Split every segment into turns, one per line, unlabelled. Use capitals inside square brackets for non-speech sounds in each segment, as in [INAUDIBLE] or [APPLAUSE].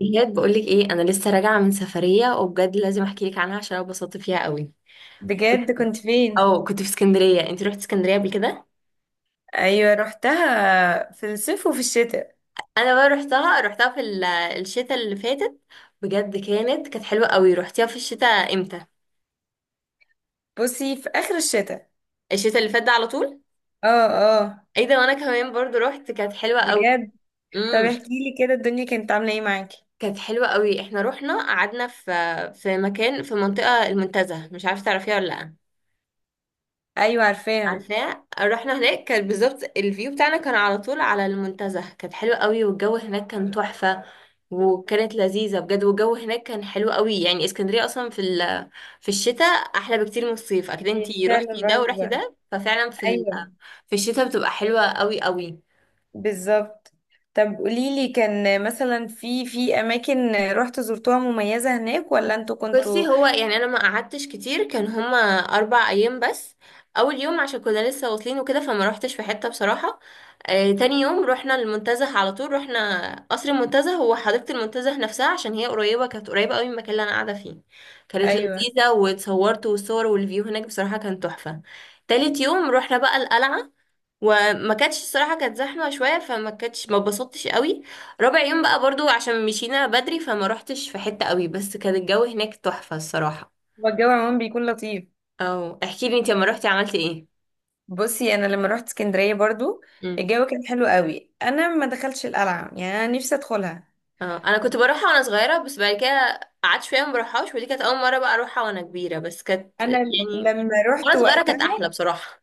بجد بقولك ايه، انا لسه راجعه من سفريه وبجد لازم احكي لك عنها عشان انا اتبسطت فيها قوي.
بجد كنت فين؟
او كنت في اسكندريه، انت رحت اسكندريه قبل كده؟
ايوه، رحتها في الصيف وفي الشتاء.
انا بقى رحتها في الشتاء اللي فاتت. بجد كانت حلوه قوي. رحتيها في الشتاء امتى؟
بصي، في اخر الشتاء.
الشتاء اللي فات ده على طول.
اه، اه.
ايه ده، وانا كمان برضو رحت، كانت حلوه قوي.
بجد. طب
امم.
احكي لي كده، الدنيا كانت عامله ايه معاكي؟
كانت حلوه قوي، احنا رحنا قعدنا في مكان في منطقه المنتزه، مش عارفه تعرفيها ولا لا.
ايوه عارفاها.
عارفاه، رحنا هناك، كان بالظبط الفيو بتاعنا كان على طول على المنتزه، كانت حلوة قوي والجو هناك كان تحفة. وكانت لذيذة بجد والجو هناك كان حلو قوي، يعني اسكندرية اصلا في في الشتاء احلى بكتير من الصيف، اكيد
هي
انتي
فعلا
روحتي ده ورحتي
رهيبه.
ده، ففعلا في
ايوه
في الشتاء بتبقى حلوة قوي قوي.
بالظبط. طب قولي لي، كان مثلا في اماكن رحت زرتوها مميزه هناك ولا انتوا كنتوا...
بصي، هو يعني انا ما قعدتش كتير، كان هما 4 ايام بس. اول يوم عشان كنا لسه واصلين وكده فما روحتش في حته بصراحه. تاني يوم رحنا المنتزه على طول، رحنا قصر المنتزه، هو حديقه المنتزه نفسها، عشان هي قريبه، كانت قريبه قوي من المكان اللي انا قاعده فيه. كانت
ايوه.
لذيذه واتصورت، والصور والفيو هناك بصراحه كان تحفه. تالت يوم رحنا بقى القلعه، وما كانتش الصراحه، كانت زحمه شويه فما كانتش، ما اتبسطتش قوي. رابع يوم بقى برضو عشان مشينا بدري فما روحتش في حته قوي، بس كان الجو هناك تحفه الصراحه.
هو الجو عموما بيكون لطيف.
او احكي لي انت لما روحتي عملتي ايه؟
بصي، انا لما رحت اسكندريه برضو
مم.
الجو كان حلو قوي. انا ما دخلتش القلعه، يعني انا نفسي ادخلها.
اه انا كنت بروحها وانا صغيره، بس بعد كده قعدت شويه ما بروحهاش، ودي كانت اول مره بقى اروحها وانا كبيره، بس كانت
انا
يعني...
لما
وانا
رحت
صغيره
وقتها
كانت احلى بصراحه.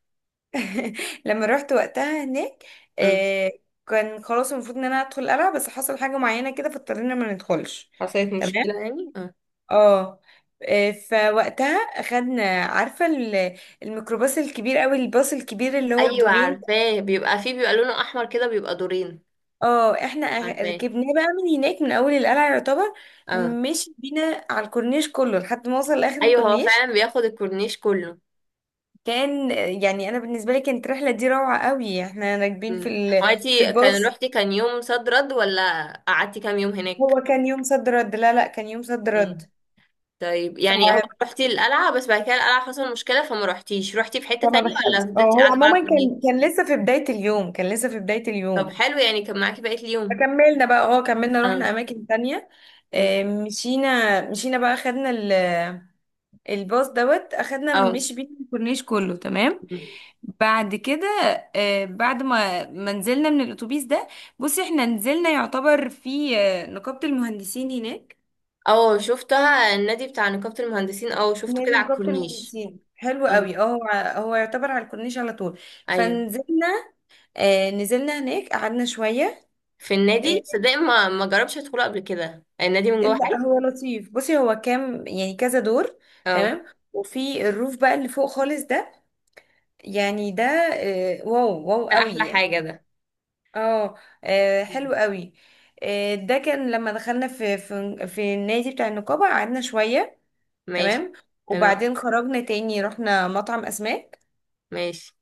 لما رحت وقتها هناك.
مم.
آه. كان خلاص المفروض ان انا ادخل القلعه، بس حصل حاجه معينه كده فاضطرينا ما ندخلش.
حصلت مشكله
تمام.
يعني اه.
اه. فوقتها اخدنا، عارفه، الميكروباص الكبير قوي، الباص الكبير اللي هو
ايوه
بدورين.
عارفاه، بيبقى فيه، بيبقى لونه احمر كده، بيبقى دورين.
اه، احنا
عارفاه.
ركبناه بقى من هناك، من اول القلعه يعتبر.
اه.
مشي بينا على الكورنيش كله لحد ما وصل لاخر
ايوه، هو
الكورنيش.
فعلا بياخد الكورنيش كله.
كان يعني انا بالنسبه لي كانت الرحله دي روعه قوي. احنا راكبين في
مم. هو
في
انتي كان
الباص.
روحتي كان يوم صد رد، ولا قعدتي كام يوم هناك؟
هو كان يوم صد رد. لا لا، كان يوم صد رد.
مم. طيب
ف...
يعني هو روحتي القلعة، بس بعد كده القلعة حصل مشكلة فما روحتيش، روحتي في حتة
فما
تانية ولا
دخلت. اه،
فضلتي
هو
قاعدة
عموما
بقى كلية؟
كان لسه في بداية اليوم، كان لسه في بداية
طب
اليوم.
حلو، يعني كان معاكي بقية اليوم.
فكملنا بقى. اه، كملنا
اه.
رحنا أماكن تانية.
مم.
مشينا بقى، أخدنا الباص دوت. أخدنا
اه.
مش بيه الكورنيش كله، تمام.
مم.
بعد كده، بعد ما نزلنا من الأتوبيس ده. بصي، احنا نزلنا يعتبر في نقابة المهندسين هناك.
اه شفتها، النادي بتاع نقابة المهندسين، اه شفته
نادي
كده على
نقابة
الكورنيش.
المهندسين حلو
اه.
قوي. اه، هو يعتبر على الكورنيش على طول.
ايوه.
فنزلنا. آه، نزلنا هناك، قعدنا شوية.
في
آه.
النادي، صدق ما جربتش ادخله قبل كده، النادي من جوه
لا
حلو.
هو لطيف. بصي هو كام، يعني كذا دور.
اه.
تمام. وفي الروف بقى اللي فوق خالص ده، يعني ده، واو واو
ده
قوي
احلى
يعني.
حاجة ده.
اه.
مم.
حلو قوي. آه، ده كان لما دخلنا في النادي بتاع النقابة، قعدنا شوية.
ماشي.
تمام.
تمام
وبعدين خرجنا تاني، رحنا مطعم أسماك.
ماشي.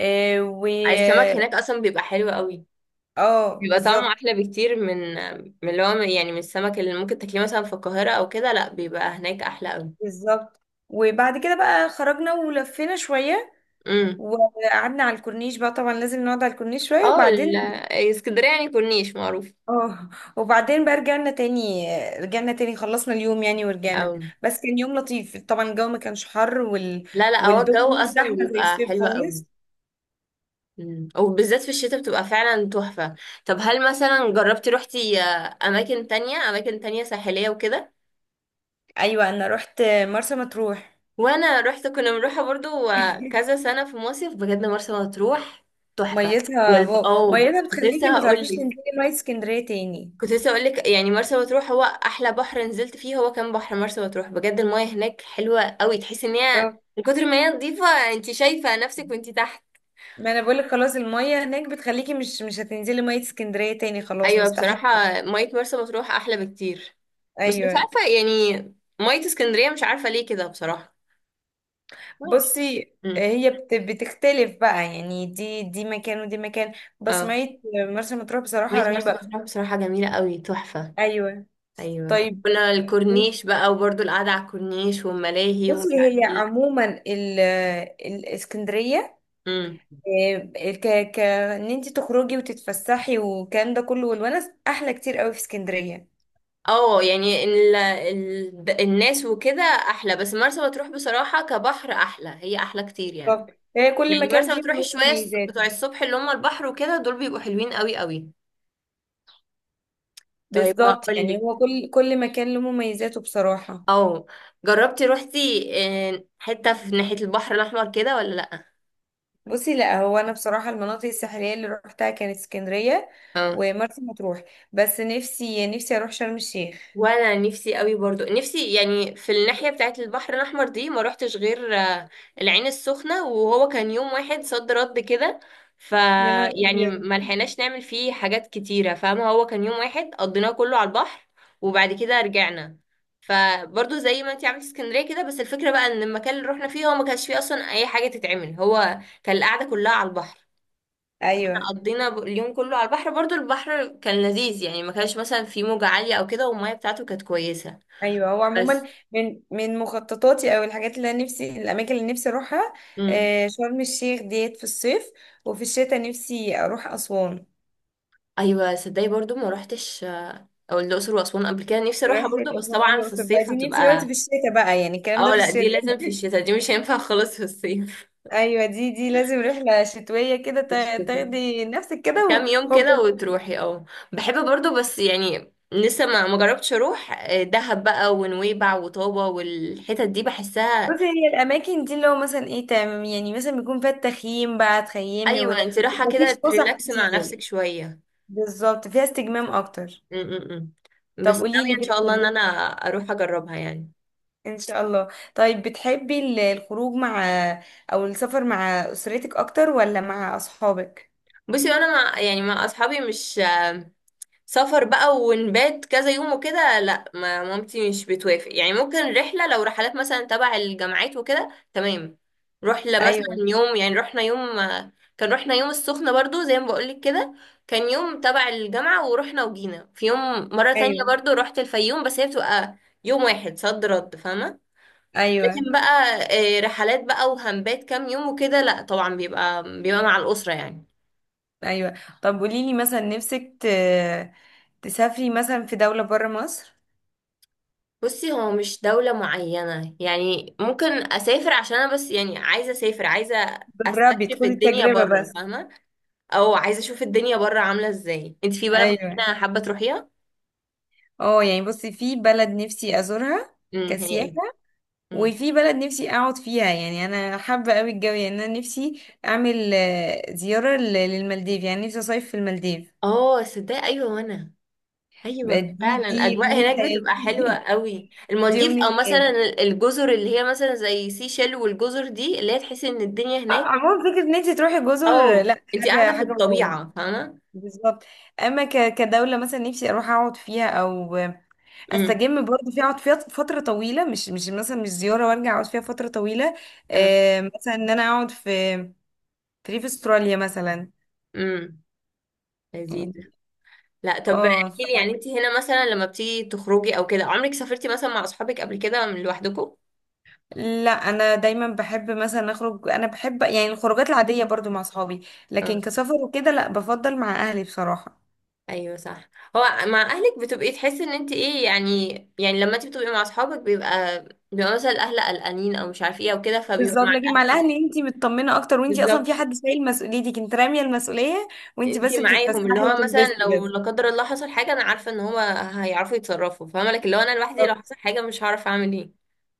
آه، و...
السمك هناك اصلا بيبقى حلو قوي.
اه
بيبقى طعمه
بالظبط.
احلى بكتير من اللي هو يعني من السمك اللي ممكن تاكليه مثلا في القاهره او كده، لا بيبقى هناك احلى قوي.
بالظبط. وبعد كده بقى خرجنا، ولفينا شوية.
امم.
وقعدنا على الكورنيش بقى. طبعا لازم نقعد على الكورنيش شوية،
اه
وبعدين،
اسكندريه يعني كورنيش معروف.
اه، وبعدين بقى رجعنا تاني. رجعنا تاني، خلصنا اليوم يعني ورجعنا.
أو.
بس كان يوم لطيف. طبعا الجو ما كانش حر،
لا لا، هو الجو
والدنيا مش
اصلا
زحمة زي
بيبقى
الصيف
حلو قوي.
خالص.
امم، وبالذات في الشتاء بتبقى فعلا تحفه. طب هل مثلا جربتي روحتي اماكن تانية، اماكن تانية ساحليه وكده؟
ايوه، انا رحت مرسى مطروح.
وانا رحت، كنا بنروحها برضو. كذا
[LAUGHS]
سنة في مصيف، بجد مرسى مطروح تحفة.
ميتها واو!
اه
ميتها بتخليكي ما تعرفيش تنزلي مية اسكندرية تاني.
كنت لسه هقولك، يعني مرسى مطروح هو احلى بحر نزلت فيه، هو كان بحر مرسى مطروح بجد، المايه هناك حلوة قوي، تحس ان هي من كتر ما هي نظيفة انت شايفة نفسك وانت تحت.
ما انا بقولك، خلاص المية هناك بتخليكي مش هتنزلي مية اسكندرية تاني، خلاص
ايوه
مستحيل.
بصراحة. مية مرسى مطروح احلى بكتير. بس مش
ايوه.
عارفة يعني، مية اسكندرية مش عارفة ليه كده بصراحة. معرفش.
بصي،
امم.
هي بتختلف بقى يعني. دي مكان ودي مكان. بس
اه.
مية مرسى مطروح بصراحة
مية مرسى
رهيبة.
مطروح بصراحة جميلة قوي، تحفة.
ايوه.
ايوه
طيب.
كنا الكورنيش بقى، وبرضه القعده على الكورنيش والملاهي
بصي،
ومش عارف
هي
ايه.
عموما الاسكندرية،
امم.
ك ك ان انت تخرجي وتتفسحي والكلام ده كله، والونس احلى كتير قوي في اسكندرية.
اه يعني الناس وكده احلى، بس مرسى مطروح بصراحه كبحر احلى، هي احلى كتير يعني.
طب، هي كل
يعني
مكان
مرسى
فيهم
مطروح
له
شويه
مميزات.
بتوع الصبح اللي هم البحر وكده دول بيبقوا حلوين قوي قوي. طيب
بالظبط،
هقول
يعني
لك.
هو كل مكان له مميزاته بصراحة.
اه. جربتي روحتي حته في ناحيه البحر الاحمر كده ولا؟
بصي، لا هو انا بصراحة المناطق الساحلية اللي روحتها كانت اسكندرية
لا.
ومرسى مطروح. بس نفسي اروح شرم الشيخ.
وانا نفسي قوي برضو، نفسي يعني في الناحية بتاعت البحر الاحمر دي، ما روحتش غير العين السخنة، وهو كان يوم واحد صد رد كده. ف
يا نهار
يعني
أبيض!
ما لحقناش نعمل فيه حاجات كتيرة، فاهمة، هو كان يوم واحد قضيناه كله على البحر. وبعد كده رجعنا. فبرضو زي ما انتي عملتي اسكندرية كده، بس الفكرة بقى ان المكان اللي رحنا فيه هو ما كانش فيه اصلا اي حاجة تتعمل، هو كان القعدة كلها على البحر.
ايوه،
قضينا اليوم كله على البحر برضو، البحر كان لذيذ، يعني ما كانش مثلا فيه موجة عالية او كده، والمية بتاعته كانت كويسة.
ايوه. هو
بس.
عموما، من مخططاتي، او الحاجات اللي انا نفسي، الاماكن اللي نفسي اروحها،
امم.
شرم الشيخ ديت في الصيف. وفي الشتاء نفسي اروح اسوان.
ايوه صدقني، برضو ما روحتش او الاقصر واسوان قبل كده، نفسي اروحها برضو،
رحلة
بس
أسوان
طبعا في
والأقصر بقى
الصيف
دي نفسي وقت
هتبقى...
في الشتاء بقى، يعني الكلام ده
اه
في
لا دي
الشتاء.
لازم في الشتاء، دي مش هينفع [LAUGHS] خالص في الصيف.
ايوه، دي لازم رحله شتويه كده،
[LAUGHS] في الشتاء.
تاخدي نفسك كده
كام يوم كده
وهوب.
وتروحي اه. بحب برضو، بس يعني لسه ما جربتش اروح دهب بقى ونويبع وطابة والحتت دي بحسها.
بصي، هي الاماكن دي اللي هو مثلا ايه، تمام، يعني مثلا بيكون فيها التخييم بقى، تخيمي و...
ايوه، انت رايحه كده
ومفيش فسح
تريلاكس مع نفسك
كتير.
شويه.
بالظبط، فيها استجمام اكتر.
امم. بس
طب قولي
ناويه
لي،
ان شاء الله ان انا
بتحبي...
اروح اجربها يعني.
ان شاء الله. طيب، بتحبي الخروج مع، او السفر مع اسرتك اكتر ولا مع اصحابك؟
بصي انا مع يعني مع اصحابي، مش سفر بقى ونبات كذا يوم وكده، لا ما مامتي مش بتوافق، يعني ممكن رحلة، لو رحلات مثلا تبع الجامعات وكده تمام. رحلة مثلا
ايوه.
يوم، يعني رحنا يوم. كان رحنا يوم السخنة برضو زي ما بقولك كده، كان يوم تبع الجامعة ورحنا وجينا في يوم، مرة تانية
ايوه.
برضو رحت الفيوم، بس هي بتبقى يوم واحد صد رد فاهمة.
ايوه.
لكن بقى رحلات بقى وهنبات كام يوم وكده، لا طبعا بيبقى مع الأسرة يعني.
ايوه. طب قولي لي مثلا، نفسك تسافري مثلا في دوله بره مصر؟
بصي هو مش دولة معينة، يعني ممكن أسافر عشان أنا بس، يعني عايزة أسافر، عايزة
جربي
أستكشف
خدي
الدنيا
التجربة
بره
بس.
فاهمة. أو عايزة أشوف الدنيا بره عاملة إزاي، أنت في بلد
ايوه.
معينة حابة تروحيها؟
اه يعني، بصي في بلد نفسي ازورها
امم، هي
كسياحة.
إيه؟ امم.
وفي بلد نفسي اقعد فيها، يعني انا حابة قوي الجو. يعني انا نفسي اعمل زيارة للمالديف. يعني نفسي اصيف في المالديف.
آه صدق أيوة، وأنا
بقى
أيوة
دي
فعلا
دي
الأجواء
امنية
هناك بتبقى حلوة
حياتي.
قوي،
[LAUGHS] دي
المالديف
امنية
أو مثلا
حياتي.
الجزر اللي هي مثلا زي سيشيل، والجزر دي اللي هي تحسي إن الدنيا هناك...
عموما فكرة ان انت تروحي جزر،
آه
لا،
أنت قاعدة
حاجة
في
حاجة واو.
الطبيعة، فاهمة؟
بالظبط. اما كدوله مثلا نفسي اروح اقعد فيها، او
امم.
استجم برضه فيها، اقعد فيها فتره طويله، مش مثلا مش زياره وارجع، اقعد فيها فتره طويله.
آه،
مثلا ان انا اقعد في ريف استراليا مثلا.
امم. لذيذ. لا طب
اه،
احكي لي، يعني انت هنا مثلا لما بتيجي تخرجي او كده، عمرك سافرتي مثلا مع اصحابك قبل كده من لوحدكم؟
لا انا دايما بحب مثلا اخرج. انا بحب يعني الخروجات العاديه برضو مع اصحابي، لكن
اه.
كسفر وكده لا، بفضل مع اهلي بصراحه.
ايوه صح. هو مع اهلك بتبقي تحسي ان انت ايه يعني، يعني لما انت بتبقي مع اصحابك بيبقى مثلا الاهل قلقانين او مش عارف ايه او كده، فبيبقى
بالظبط.
مع
لكن مع
الاهل.
الاهل انتي مطمنه اكتر، وانتي اصلا في
بالظبط
حد شايل مسؤوليتك، انت راميه المسؤوليه وانتي
انت
بس
معاهم، اللي
بتتفسحي
هو مثلا
وتنبسطي
لو
بس.
لا قدر الله حصل حاجه، انا عارفه ان هو هيعرفوا يتصرفوا، فاهمه لك، اللي هو انا لوحدي لو حصل
بالظبط،
حاجه مش هعرف اعمل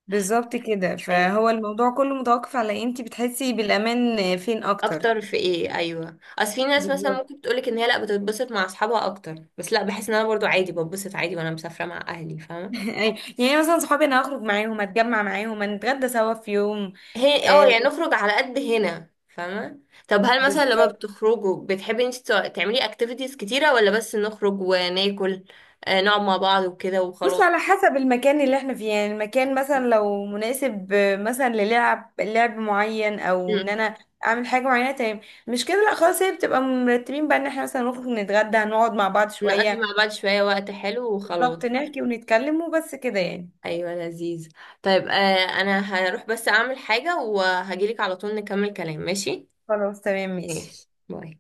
بالظبط كده.
ايه.
فهو الموضوع كله متوقف على انتي بتحسي بالامان فين اكتر.
اكتر في ايه، ايوه اصل في ناس مثلا
بالظبط.
ممكن تقولك ان هي لا بتتبسط مع اصحابها اكتر، بس لا بحس ان انا برضو عادي بتبسط عادي وانا مسافره مع اهلي
[LAUGHS]
فاهمه.
يعني مثلا صحابي انا هخرج معاهم، اتجمع معاهم، هنتغدى سوا في يوم.
هي اه
آه.
يعني نخرج على قد هنا فاهمه. طب هل مثلا لما
بالظبط.
بتخرجوا بتحبي انت تعملي اكتيفيتيز كتيره، ولا بس نخرج وناكل نقعد مع بعض وكده
بص،
وخلاص؟
على حسب المكان اللي احنا فيه. يعني المكان مثلا لو مناسب مثلا للعب لعب معين، او ان
مم.
انا اعمل حاجه معينه، تمام. مش كده لا، خلاص هي بتبقى مرتبين بقى، ان احنا مثلا نخرج نتغدى، هنقعد مع بعض
نقضي مع
شويه.
بعض شويه وقت حلو وخلاص.
بالظبط، نحكي ونتكلم وبس كده يعني.
ايوه لذيذ. طيب آه، انا هروح بس اعمل حاجه وهجيلك على طول، نكمل كلام ماشي.
خلاص تمام ماشي.
ماشي باي.